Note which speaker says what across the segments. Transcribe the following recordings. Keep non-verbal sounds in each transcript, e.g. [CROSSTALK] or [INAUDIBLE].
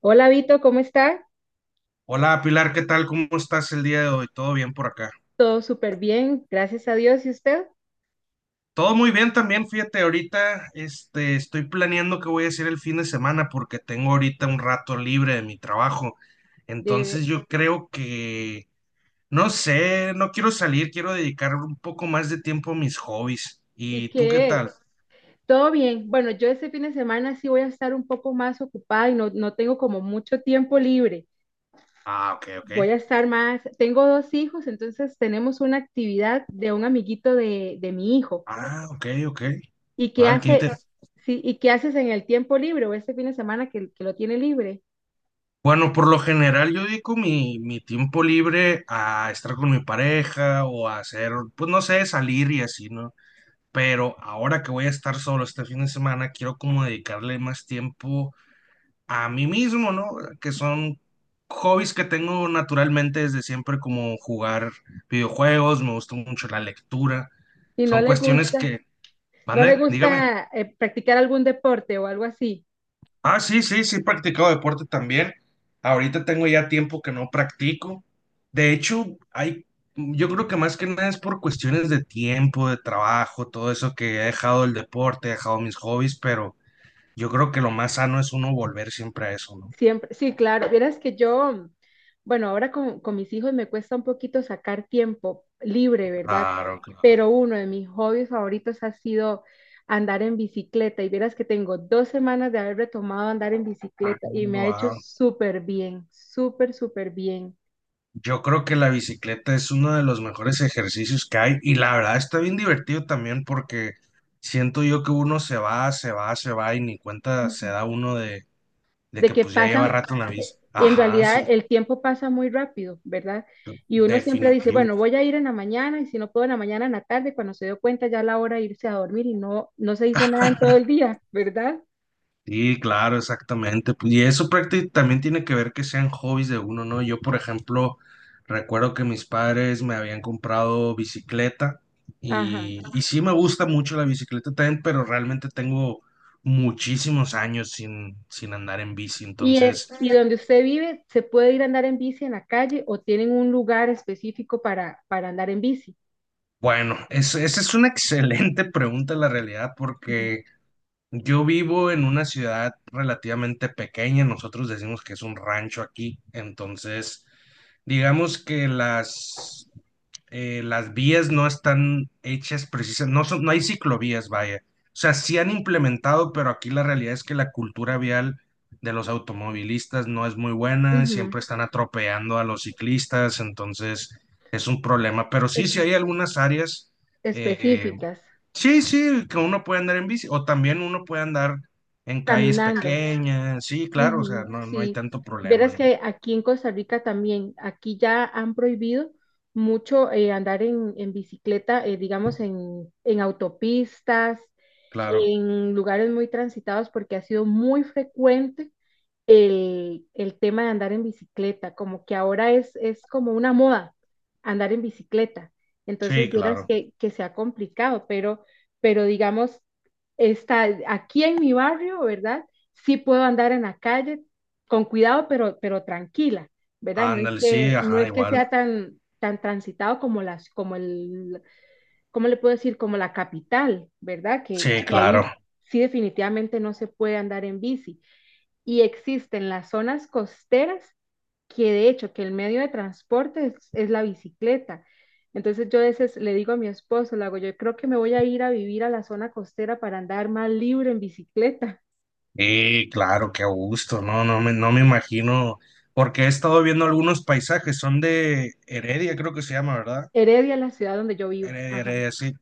Speaker 1: Hola Vito, ¿cómo está?
Speaker 2: Hola Pilar, ¿qué tal? ¿Cómo estás el día de hoy? ¿Todo bien por acá?
Speaker 1: Todo súper bien, gracias a Dios. ¿Y usted?
Speaker 2: Todo muy bien también, fíjate, ahorita estoy planeando qué voy a hacer el fin de semana porque tengo ahorita un rato libre de mi trabajo.
Speaker 1: De-
Speaker 2: Entonces yo creo que, no sé, no quiero salir, quiero dedicar un poco más de tiempo a mis hobbies.
Speaker 1: ¿Y
Speaker 2: ¿Y tú qué
Speaker 1: qué?
Speaker 2: tal?
Speaker 1: Todo bien. Bueno, yo este fin de semana sí voy a estar un poco más ocupada y no tengo como mucho tiempo libre.
Speaker 2: Ah, ok, ok.
Speaker 1: Voy a estar más, tengo dos hijos, entonces tenemos una actividad de un amiguito de mi hijo.
Speaker 2: Ah, ok, ok.
Speaker 1: ¿Y qué
Speaker 2: Vale, qué
Speaker 1: hace? Sí, ¿y qué haces en el tiempo libre o este fin de semana que lo tiene libre?
Speaker 2: Bueno, por lo general yo dedico mi tiempo libre a estar con mi pareja o a hacer, pues no sé, salir y así, ¿no? Pero ahora que voy a estar solo este fin de semana, quiero como dedicarle más tiempo a mí mismo, ¿no? Que son hobbies que tengo naturalmente desde siempre, como jugar videojuegos, me gusta mucho la lectura,
Speaker 1: Y no
Speaker 2: son
Speaker 1: le
Speaker 2: cuestiones
Speaker 1: gusta,
Speaker 2: que,
Speaker 1: no le
Speaker 2: ¿mande? Dígame.
Speaker 1: gusta practicar algún deporte o algo así.
Speaker 2: Ah, sí, sí, sí, he practicado deporte también. Ahorita tengo ya tiempo que no practico. De hecho, yo creo que más que nada es por cuestiones de tiempo, de trabajo, todo eso que he dejado el deporte, he dejado mis hobbies, pero yo creo que lo más sano es uno volver siempre a eso, ¿no?
Speaker 1: Siempre, sí, claro. Vieras que yo, bueno, ahora con mis hijos me cuesta un poquito sacar tiempo libre, ¿verdad?
Speaker 2: Claro, claro.
Speaker 1: Pero uno de mis hobbies favoritos ha sido andar en bicicleta. Y vieras que tengo dos semanas de haber retomado andar en
Speaker 2: Ah,
Speaker 1: bicicleta y me ha hecho
Speaker 2: wow.
Speaker 1: súper bien, súper, súper bien.
Speaker 2: Yo creo que la bicicleta es uno de los mejores ejercicios que hay y la verdad está bien divertido también porque siento yo que uno se va, se va, se va y ni cuenta se da uno de
Speaker 1: De
Speaker 2: que
Speaker 1: que
Speaker 2: pues ya lleva
Speaker 1: pasan,
Speaker 2: rato en la bici.
Speaker 1: en
Speaker 2: Ajá,
Speaker 1: realidad
Speaker 2: sí,
Speaker 1: el tiempo pasa muy rápido, ¿verdad? Y uno siempre dice,
Speaker 2: definitivo.
Speaker 1: bueno, voy a ir en la mañana y si no puedo en la mañana, en la tarde, cuando se dio cuenta ya la hora de irse a dormir y no se hizo nada en todo el día, ¿verdad?
Speaker 2: Sí, claro, exactamente. Pues, y eso prácticamente también tiene que ver que sean hobbies de uno, ¿no? Yo, por ejemplo, recuerdo que mis padres me habían comprado bicicleta
Speaker 1: Ajá.
Speaker 2: y sí me gusta mucho la bicicleta también, pero realmente tengo muchísimos años sin andar en bici. Entonces,
Speaker 1: Y donde usted vive, ¿se puede ir a andar en bici en la calle o tienen un lugar específico para andar en bici?
Speaker 2: bueno, esa es una [LAUGHS] excelente pregunta, la realidad,
Speaker 1: Ujú.
Speaker 2: porque... Yo vivo en una ciudad relativamente pequeña, nosotros decimos que es un rancho aquí, entonces digamos que las vías no están hechas precisas, no hay ciclovías, vaya. O sea, sí han implementado, pero aquí la realidad es que la cultura vial de los automovilistas no es muy buena,
Speaker 1: Ujú.
Speaker 2: siempre están atropellando a los ciclistas, entonces es un problema. Pero sí, sí
Speaker 1: Es-
Speaker 2: hay algunas áreas. eh,
Speaker 1: Específicas,
Speaker 2: Sí, sí, que uno puede andar en bici o también uno puede andar en calles
Speaker 1: caminando.
Speaker 2: pequeñas, sí, claro, o sea,
Speaker 1: Ujú,
Speaker 2: no hay
Speaker 1: sí,
Speaker 2: tanto problema,
Speaker 1: verás
Speaker 2: ¿no?
Speaker 1: que aquí en Costa Rica también, aquí ya han prohibido mucho andar en bicicleta, digamos, en autopistas,
Speaker 2: Claro,
Speaker 1: en lugares muy transitados, porque ha sido muy frecuente el tema de andar en bicicleta, como que ahora es como una moda andar en bicicleta.
Speaker 2: sí,
Speaker 1: Entonces, vieras
Speaker 2: claro.
Speaker 1: que se ha complicado, pero digamos, está aquí en mi barrio, ¿verdad? Sí puedo andar en la calle con cuidado, pero tranquila, ¿verdad? No es
Speaker 2: Ándale, sí,
Speaker 1: que, no
Speaker 2: ajá,
Speaker 1: es que
Speaker 2: igual.
Speaker 1: sea tan, tan transitado como las, como el, ¿cómo le puedo decir? Como la capital, ¿verdad?
Speaker 2: Sí,
Speaker 1: Que
Speaker 2: claro.
Speaker 1: ahí sí definitivamente no se puede andar en bici y existen las zonas costeras que de hecho que el medio de transporte es la bicicleta. Entonces yo a veces le digo a mi esposo, le hago, yo creo que me voy a ir a vivir a la zona costera para andar más libre en bicicleta.
Speaker 2: Sí, claro, qué gusto, no, no me imagino, porque he estado viendo algunos paisajes, son de Heredia, creo que se llama, ¿verdad?
Speaker 1: Heredia es la ciudad donde yo vivo.
Speaker 2: Heredia,
Speaker 1: Ajá.
Speaker 2: Heredia, sí.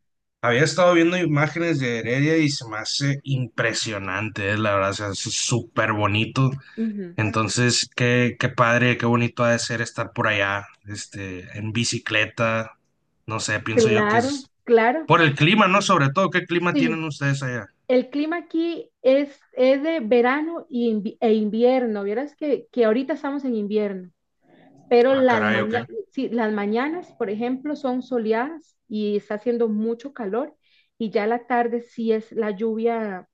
Speaker 2: Había estado viendo imágenes de Heredia y se me hace impresionante, la verdad, o sea, es súper bonito.
Speaker 1: Ujú.
Speaker 2: Entonces, qué padre, qué bonito ha de ser estar por allá, en bicicleta. No sé, pienso yo que
Speaker 1: Claro,
Speaker 2: es
Speaker 1: claro.
Speaker 2: por el clima, ¿no? Sobre todo, ¿qué clima
Speaker 1: Sí,
Speaker 2: tienen ustedes allá?
Speaker 1: el clima aquí es de verano y e invierno. Vieras que ahorita estamos en invierno. Pero
Speaker 2: Ah,
Speaker 1: las,
Speaker 2: caray, ok.
Speaker 1: maña- sí, las mañanas, por ejemplo, son soleadas y está haciendo mucho calor y ya la tarde sí es la lluvia,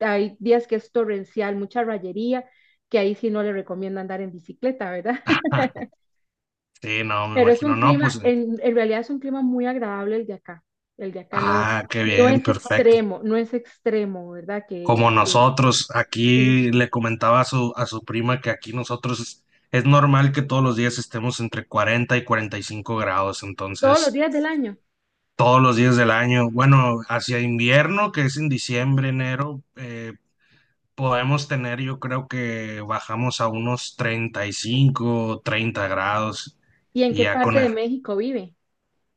Speaker 1: hay días que es torrencial, mucha rayería, que ahí sí no le recomiendo andar en bicicleta, ¿verdad? [LAUGHS]
Speaker 2: [LAUGHS] Sí, no, me
Speaker 1: Pero es
Speaker 2: imagino,
Speaker 1: un
Speaker 2: no, pues,
Speaker 1: clima, en realidad es un clima muy agradable el de acá. El de acá no,
Speaker 2: qué
Speaker 1: no
Speaker 2: bien,
Speaker 1: es
Speaker 2: perfecto.
Speaker 1: extremo, no es extremo, ¿verdad?
Speaker 2: Como
Speaker 1: Que
Speaker 2: nosotros,
Speaker 1: sí,
Speaker 2: aquí le comentaba a a su prima que aquí nosotros es normal que todos los días estemos entre 40 y 45 grados,
Speaker 1: todos los
Speaker 2: entonces
Speaker 1: días del año.
Speaker 2: todos los días del año. Bueno, hacia invierno, que es en diciembre, enero, podemos tener, yo creo que bajamos a unos 35, 30 grados.
Speaker 1: ¿Y en
Speaker 2: Y
Speaker 1: qué
Speaker 2: ya con
Speaker 1: parte de
Speaker 2: el-
Speaker 1: México vive?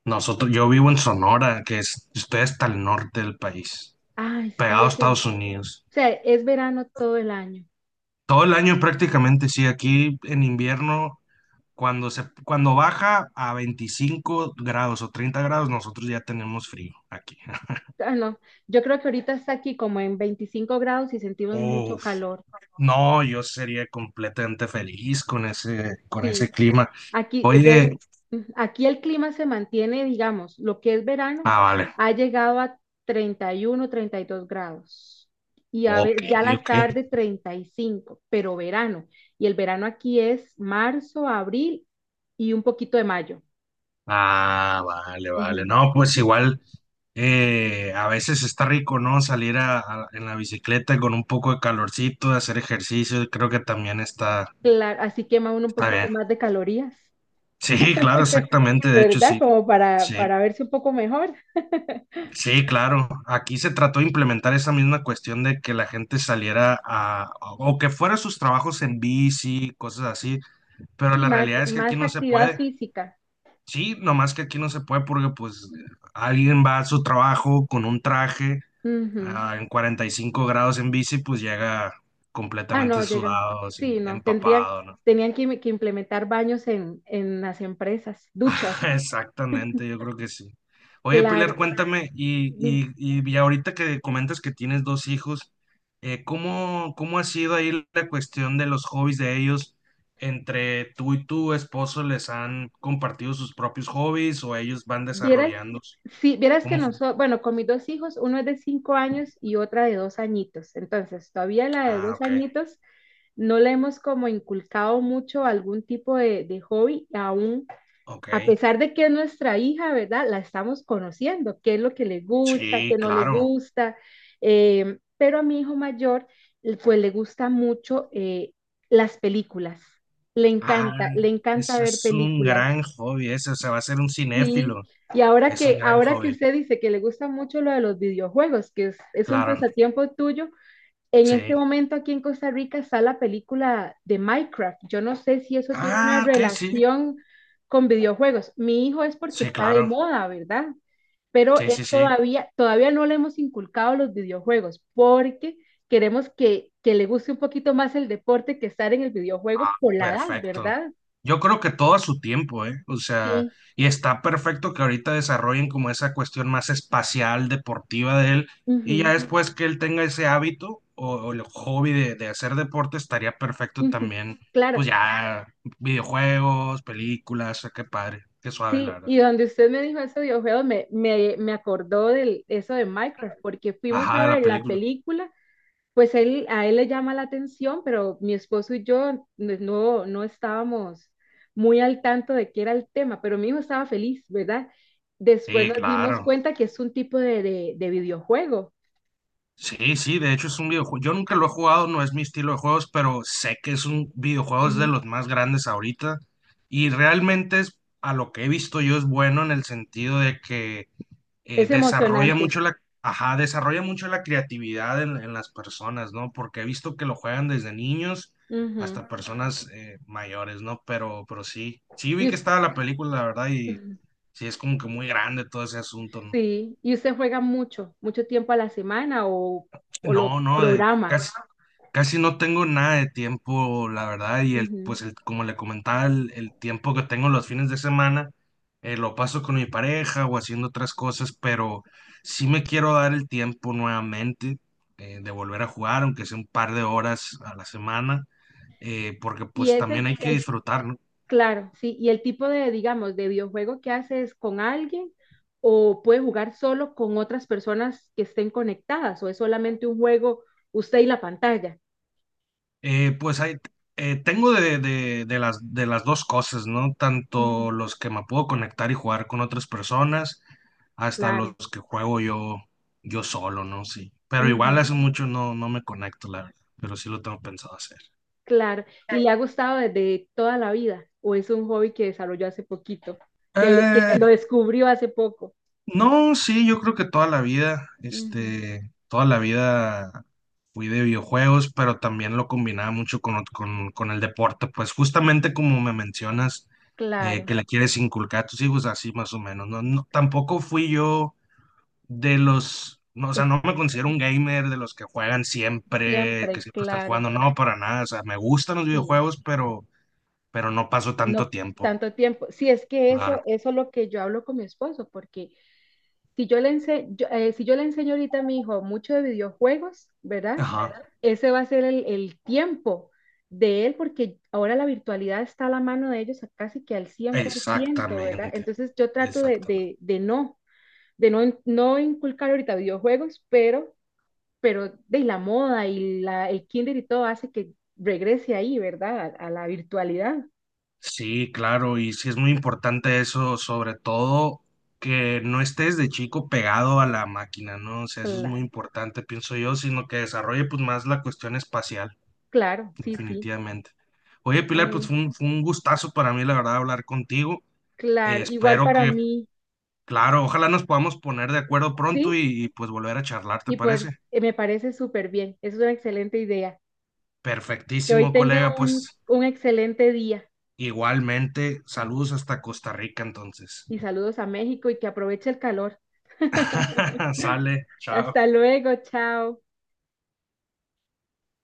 Speaker 2: Nosotros, yo vivo en Sonora, estoy hasta el norte del país,
Speaker 1: Ay, sí,
Speaker 2: pegado a
Speaker 1: eso. O
Speaker 2: Estados Unidos.
Speaker 1: sea, es verano todo el año.
Speaker 2: Todo el año prácticamente, sí, aquí en invierno, cuando baja a 25 grados o 30 grados, nosotros ya tenemos frío aquí. [LAUGHS]
Speaker 1: Ah, no, yo creo que ahorita está aquí como en 25 grados y sentimos mucho
Speaker 2: Uf.
Speaker 1: calor.
Speaker 2: No, yo sería completamente feliz con ese, con
Speaker 1: Sí,
Speaker 2: ese clima.
Speaker 1: aquí, de,
Speaker 2: Oye,
Speaker 1: aquí el clima se mantiene, digamos, lo que es verano
Speaker 2: vale,
Speaker 1: ha llegado a 31, 32 grados y
Speaker 2: ok,
Speaker 1: ya la
Speaker 2: ok.
Speaker 1: tarde 35, pero verano. Y el verano aquí es marzo, abril y un poquito de mayo.
Speaker 2: Ah, vale, vale.
Speaker 1: Ujú.
Speaker 2: No, pues igual a veces está rico, ¿no? Salir a, en la bicicleta con un poco de calorcito, hacer ejercicio, creo que también está,
Speaker 1: Claro, así quema uno un
Speaker 2: está
Speaker 1: poquito
Speaker 2: bien.
Speaker 1: más de calorías,
Speaker 2: Sí, claro,
Speaker 1: [LAUGHS]
Speaker 2: exactamente, de hecho
Speaker 1: ¿verdad?
Speaker 2: sí.
Speaker 1: Como
Speaker 2: Sí,
Speaker 1: para verse un poco mejor.
Speaker 2: sí, claro. Aquí se trató de implementar esa misma cuestión de que la gente saliera a, o que fuera a sus trabajos en bici, cosas así pero
Speaker 1: Sí,
Speaker 2: la
Speaker 1: más,
Speaker 2: realidad es que aquí
Speaker 1: más
Speaker 2: no se
Speaker 1: actividad
Speaker 2: puede.
Speaker 1: física.
Speaker 2: Sí, nomás que aquí no se puede porque pues alguien va a su trabajo con un traje
Speaker 1: Ujú.
Speaker 2: en 45 grados en bici, pues llega
Speaker 1: Ah,
Speaker 2: completamente
Speaker 1: no, llegan.
Speaker 2: sudado, así,
Speaker 1: Sí, no, tendrían,
Speaker 2: empapado, ¿no?
Speaker 1: tenían que implementar baños en las empresas, duchas.
Speaker 2: [LAUGHS] Exactamente, yo creo que sí. Oye, Pilar,
Speaker 1: Claro.
Speaker 2: cuéntame, y ya ahorita que comentas que tienes dos hijos, ¿Cómo ha sido ahí la cuestión de los hobbies de ellos? ¿Entre tú y tu esposo les han compartido sus propios hobbies o ellos van
Speaker 1: Vieras,
Speaker 2: desarrollándose?
Speaker 1: sí, vieras que
Speaker 2: ¿Cómo fue?
Speaker 1: nosotros, bueno, con mis dos hijos, uno es de 5 años y otra de 2 añitos. Entonces, todavía la de
Speaker 2: Ah,
Speaker 1: dos
Speaker 2: ok,
Speaker 1: añitos no le hemos como inculcado mucho algún tipo de hobby, aún
Speaker 2: ok.
Speaker 1: a pesar de que es nuestra hija, ¿verdad? La estamos conociendo, qué es lo que le gusta, qué
Speaker 2: Sí,
Speaker 1: no le
Speaker 2: claro.
Speaker 1: gusta. Pero a mi hijo mayor, pues le gusta mucho las películas.
Speaker 2: Ah,
Speaker 1: Le encanta
Speaker 2: ese
Speaker 1: ver
Speaker 2: es un
Speaker 1: películas.
Speaker 2: gran hobby, ese, o sea, va a ser un
Speaker 1: Sí.
Speaker 2: cinéfilo.
Speaker 1: Y
Speaker 2: Es un gran
Speaker 1: ahora que
Speaker 2: hobby,
Speaker 1: usted dice que le gusta mucho lo de los videojuegos, es un
Speaker 2: claro,
Speaker 1: pasatiempo tuyo, en este
Speaker 2: sí.
Speaker 1: momento aquí en Costa Rica está la película de Minecraft. Yo no sé si eso tiene una
Speaker 2: Ah, ok, sí.
Speaker 1: relación con videojuegos. Mi hijo es porque
Speaker 2: Sí,
Speaker 1: está de
Speaker 2: claro.
Speaker 1: moda, ¿verdad? Pero
Speaker 2: Sí,
Speaker 1: él
Speaker 2: sí, sí.
Speaker 1: todavía, todavía no le hemos inculcado los videojuegos porque queremos que le guste un poquito más el deporte que estar en el
Speaker 2: Ah,
Speaker 1: videojuego por la edad,
Speaker 2: perfecto.
Speaker 1: ¿verdad?
Speaker 2: Yo creo que todo a su tiempo, ¿eh? O sea,
Speaker 1: Sí.
Speaker 2: y está perfecto que ahorita desarrollen como esa cuestión más espacial, deportiva de él, y ya
Speaker 1: Ujú,
Speaker 2: después que él tenga ese hábito o el hobby de hacer deporte, estaría perfecto
Speaker 1: ujú.
Speaker 2: también,
Speaker 1: Claro,
Speaker 2: pues ya, videojuegos, películas, qué padre, qué suave, la
Speaker 1: sí,
Speaker 2: verdad.
Speaker 1: y donde usted me dijo eso de videojuegos, me acordó de eso de Minecraft, porque fuimos
Speaker 2: Ajá,
Speaker 1: a
Speaker 2: de la
Speaker 1: ver la
Speaker 2: película.
Speaker 1: película. Pues él, a él le llama la atención, pero mi esposo y yo no, no no estábamos muy al tanto de qué era el tema, pero mi hijo estaba feliz, ¿verdad? Después
Speaker 2: Sí,
Speaker 1: nos dimos
Speaker 2: claro.
Speaker 1: cuenta que es un tipo de videojuego.
Speaker 2: Sí, sí, de hecho es un videojuego. Yo nunca lo he jugado, no es mi estilo de juegos, pero sé que es un videojuego es de
Speaker 1: Ujú.
Speaker 2: los más grandes ahorita. Y realmente es, a lo que he visto yo es bueno en el sentido de que eh,
Speaker 1: Es
Speaker 2: desarrolla
Speaker 1: emocionante.
Speaker 2: mucho la, ajá, desarrolla mucho la creatividad en las personas, ¿no? Porque he visto que lo juegan desde niños
Speaker 1: Ujú.
Speaker 2: hasta personas mayores, ¿no? Pero sí vi
Speaker 1: Y
Speaker 2: que
Speaker 1: us-
Speaker 2: estaba la película, la verdad, y
Speaker 1: ujú.
Speaker 2: sí es como que muy grande todo ese asunto, ¿no?
Speaker 1: Sí, y usted juega mucho, mucho tiempo a la semana o lo
Speaker 2: No, no,
Speaker 1: programa.
Speaker 2: casi no tengo nada de tiempo, la verdad, y el,
Speaker 1: Ujú.
Speaker 2: pues el, como le comentaba, el tiempo que tengo los fines de semana, lo paso con mi pareja o haciendo otras cosas, pero sí me quiero dar el tiempo nuevamente de volver a jugar, aunque sea un par de horas a la semana, porque
Speaker 1: Y
Speaker 2: pues también
Speaker 1: ese,
Speaker 2: hay que
Speaker 1: el
Speaker 2: disfrutar, ¿no?
Speaker 1: Claro, sí, y el tipo de, digamos, de videojuego que haces con alguien o puede jugar solo con otras personas que estén conectadas o es solamente un juego usted y la pantalla.
Speaker 2: Pues hay, tengo de las dos cosas, ¿no?
Speaker 1: Ujú,
Speaker 2: Tanto los que me puedo conectar y jugar con otras personas, hasta los
Speaker 1: claro,
Speaker 2: que juego yo solo, ¿no? Sí. Pero igual
Speaker 1: ujú,
Speaker 2: hace mucho no me conecto, la verdad. Pero sí lo tengo pensado hacer.
Speaker 1: claro. ¿Y le ha gustado desde toda la vida o es un hobby que desarrolló hace poquito, que, que lo
Speaker 2: Eh,
Speaker 1: descubrió hace poco?
Speaker 2: No, sí, yo creo que toda la vida,
Speaker 1: Ujú,
Speaker 2: toda la vida fui de videojuegos, pero también lo combinaba mucho con el deporte, pues justamente como me mencionas,
Speaker 1: claro,
Speaker 2: que le quieres inculcar a tus hijos, así más o menos, no, no, tampoco fui yo de los, no, o sea,
Speaker 1: eh,
Speaker 2: no me considero un gamer de los que juegan siempre, que
Speaker 1: siempre,
Speaker 2: siempre están
Speaker 1: claro,
Speaker 2: jugando, no, para nada, o sea, me gustan los
Speaker 1: sí.
Speaker 2: videojuegos, pero, no paso tanto
Speaker 1: No
Speaker 2: tiempo,
Speaker 1: tanto tiempo. Sí, es que eso,
Speaker 2: claro.
Speaker 1: eso es lo que yo hablo con mi esposo, porque si yo yo, si yo le enseño ahorita a mi hijo mucho de videojuegos, ¿verdad?
Speaker 2: Ajá,
Speaker 1: Ese va a ser el tiempo de él porque ahora la virtualidad está a la mano de ellos a casi que al 100%, ¿verdad?
Speaker 2: exactamente,
Speaker 1: Entonces yo trato
Speaker 2: exactamente.
Speaker 1: de no, no inculcar ahorita videojuegos, pero de la moda y la, el kinder y todo hace que regrese ahí, ¿verdad? A la virtualidad.
Speaker 2: Sí, claro, y sí es muy importante eso, sobre todo que no estés de chico pegado a la máquina, ¿no? O sea, eso es muy
Speaker 1: Claro,
Speaker 2: importante, pienso yo, sino que desarrolle pues más la cuestión espacial,
Speaker 1: claro, sí, sí.
Speaker 2: definitivamente. Oye, Pilar, pues
Speaker 1: Ay,
Speaker 2: fue un, gustazo para mí, la verdad, hablar contigo.
Speaker 1: claro, igual
Speaker 2: Espero
Speaker 1: para
Speaker 2: que,
Speaker 1: mí,
Speaker 2: claro, ojalá nos podamos poner de acuerdo pronto
Speaker 1: ¿sí?
Speaker 2: pues volver a charlar, ¿te
Speaker 1: Y pues
Speaker 2: parece?
Speaker 1: me parece súper bien, es una excelente idea. Que hoy
Speaker 2: Perfectísimo,
Speaker 1: tenga
Speaker 2: colega, pues
Speaker 1: un excelente día
Speaker 2: igualmente, saludos hasta Costa Rica entonces.
Speaker 1: y saludos a México y que aproveche el calor.
Speaker 2: [LAUGHS] Sale,
Speaker 1: Hasta
Speaker 2: chao.
Speaker 1: luego, chao.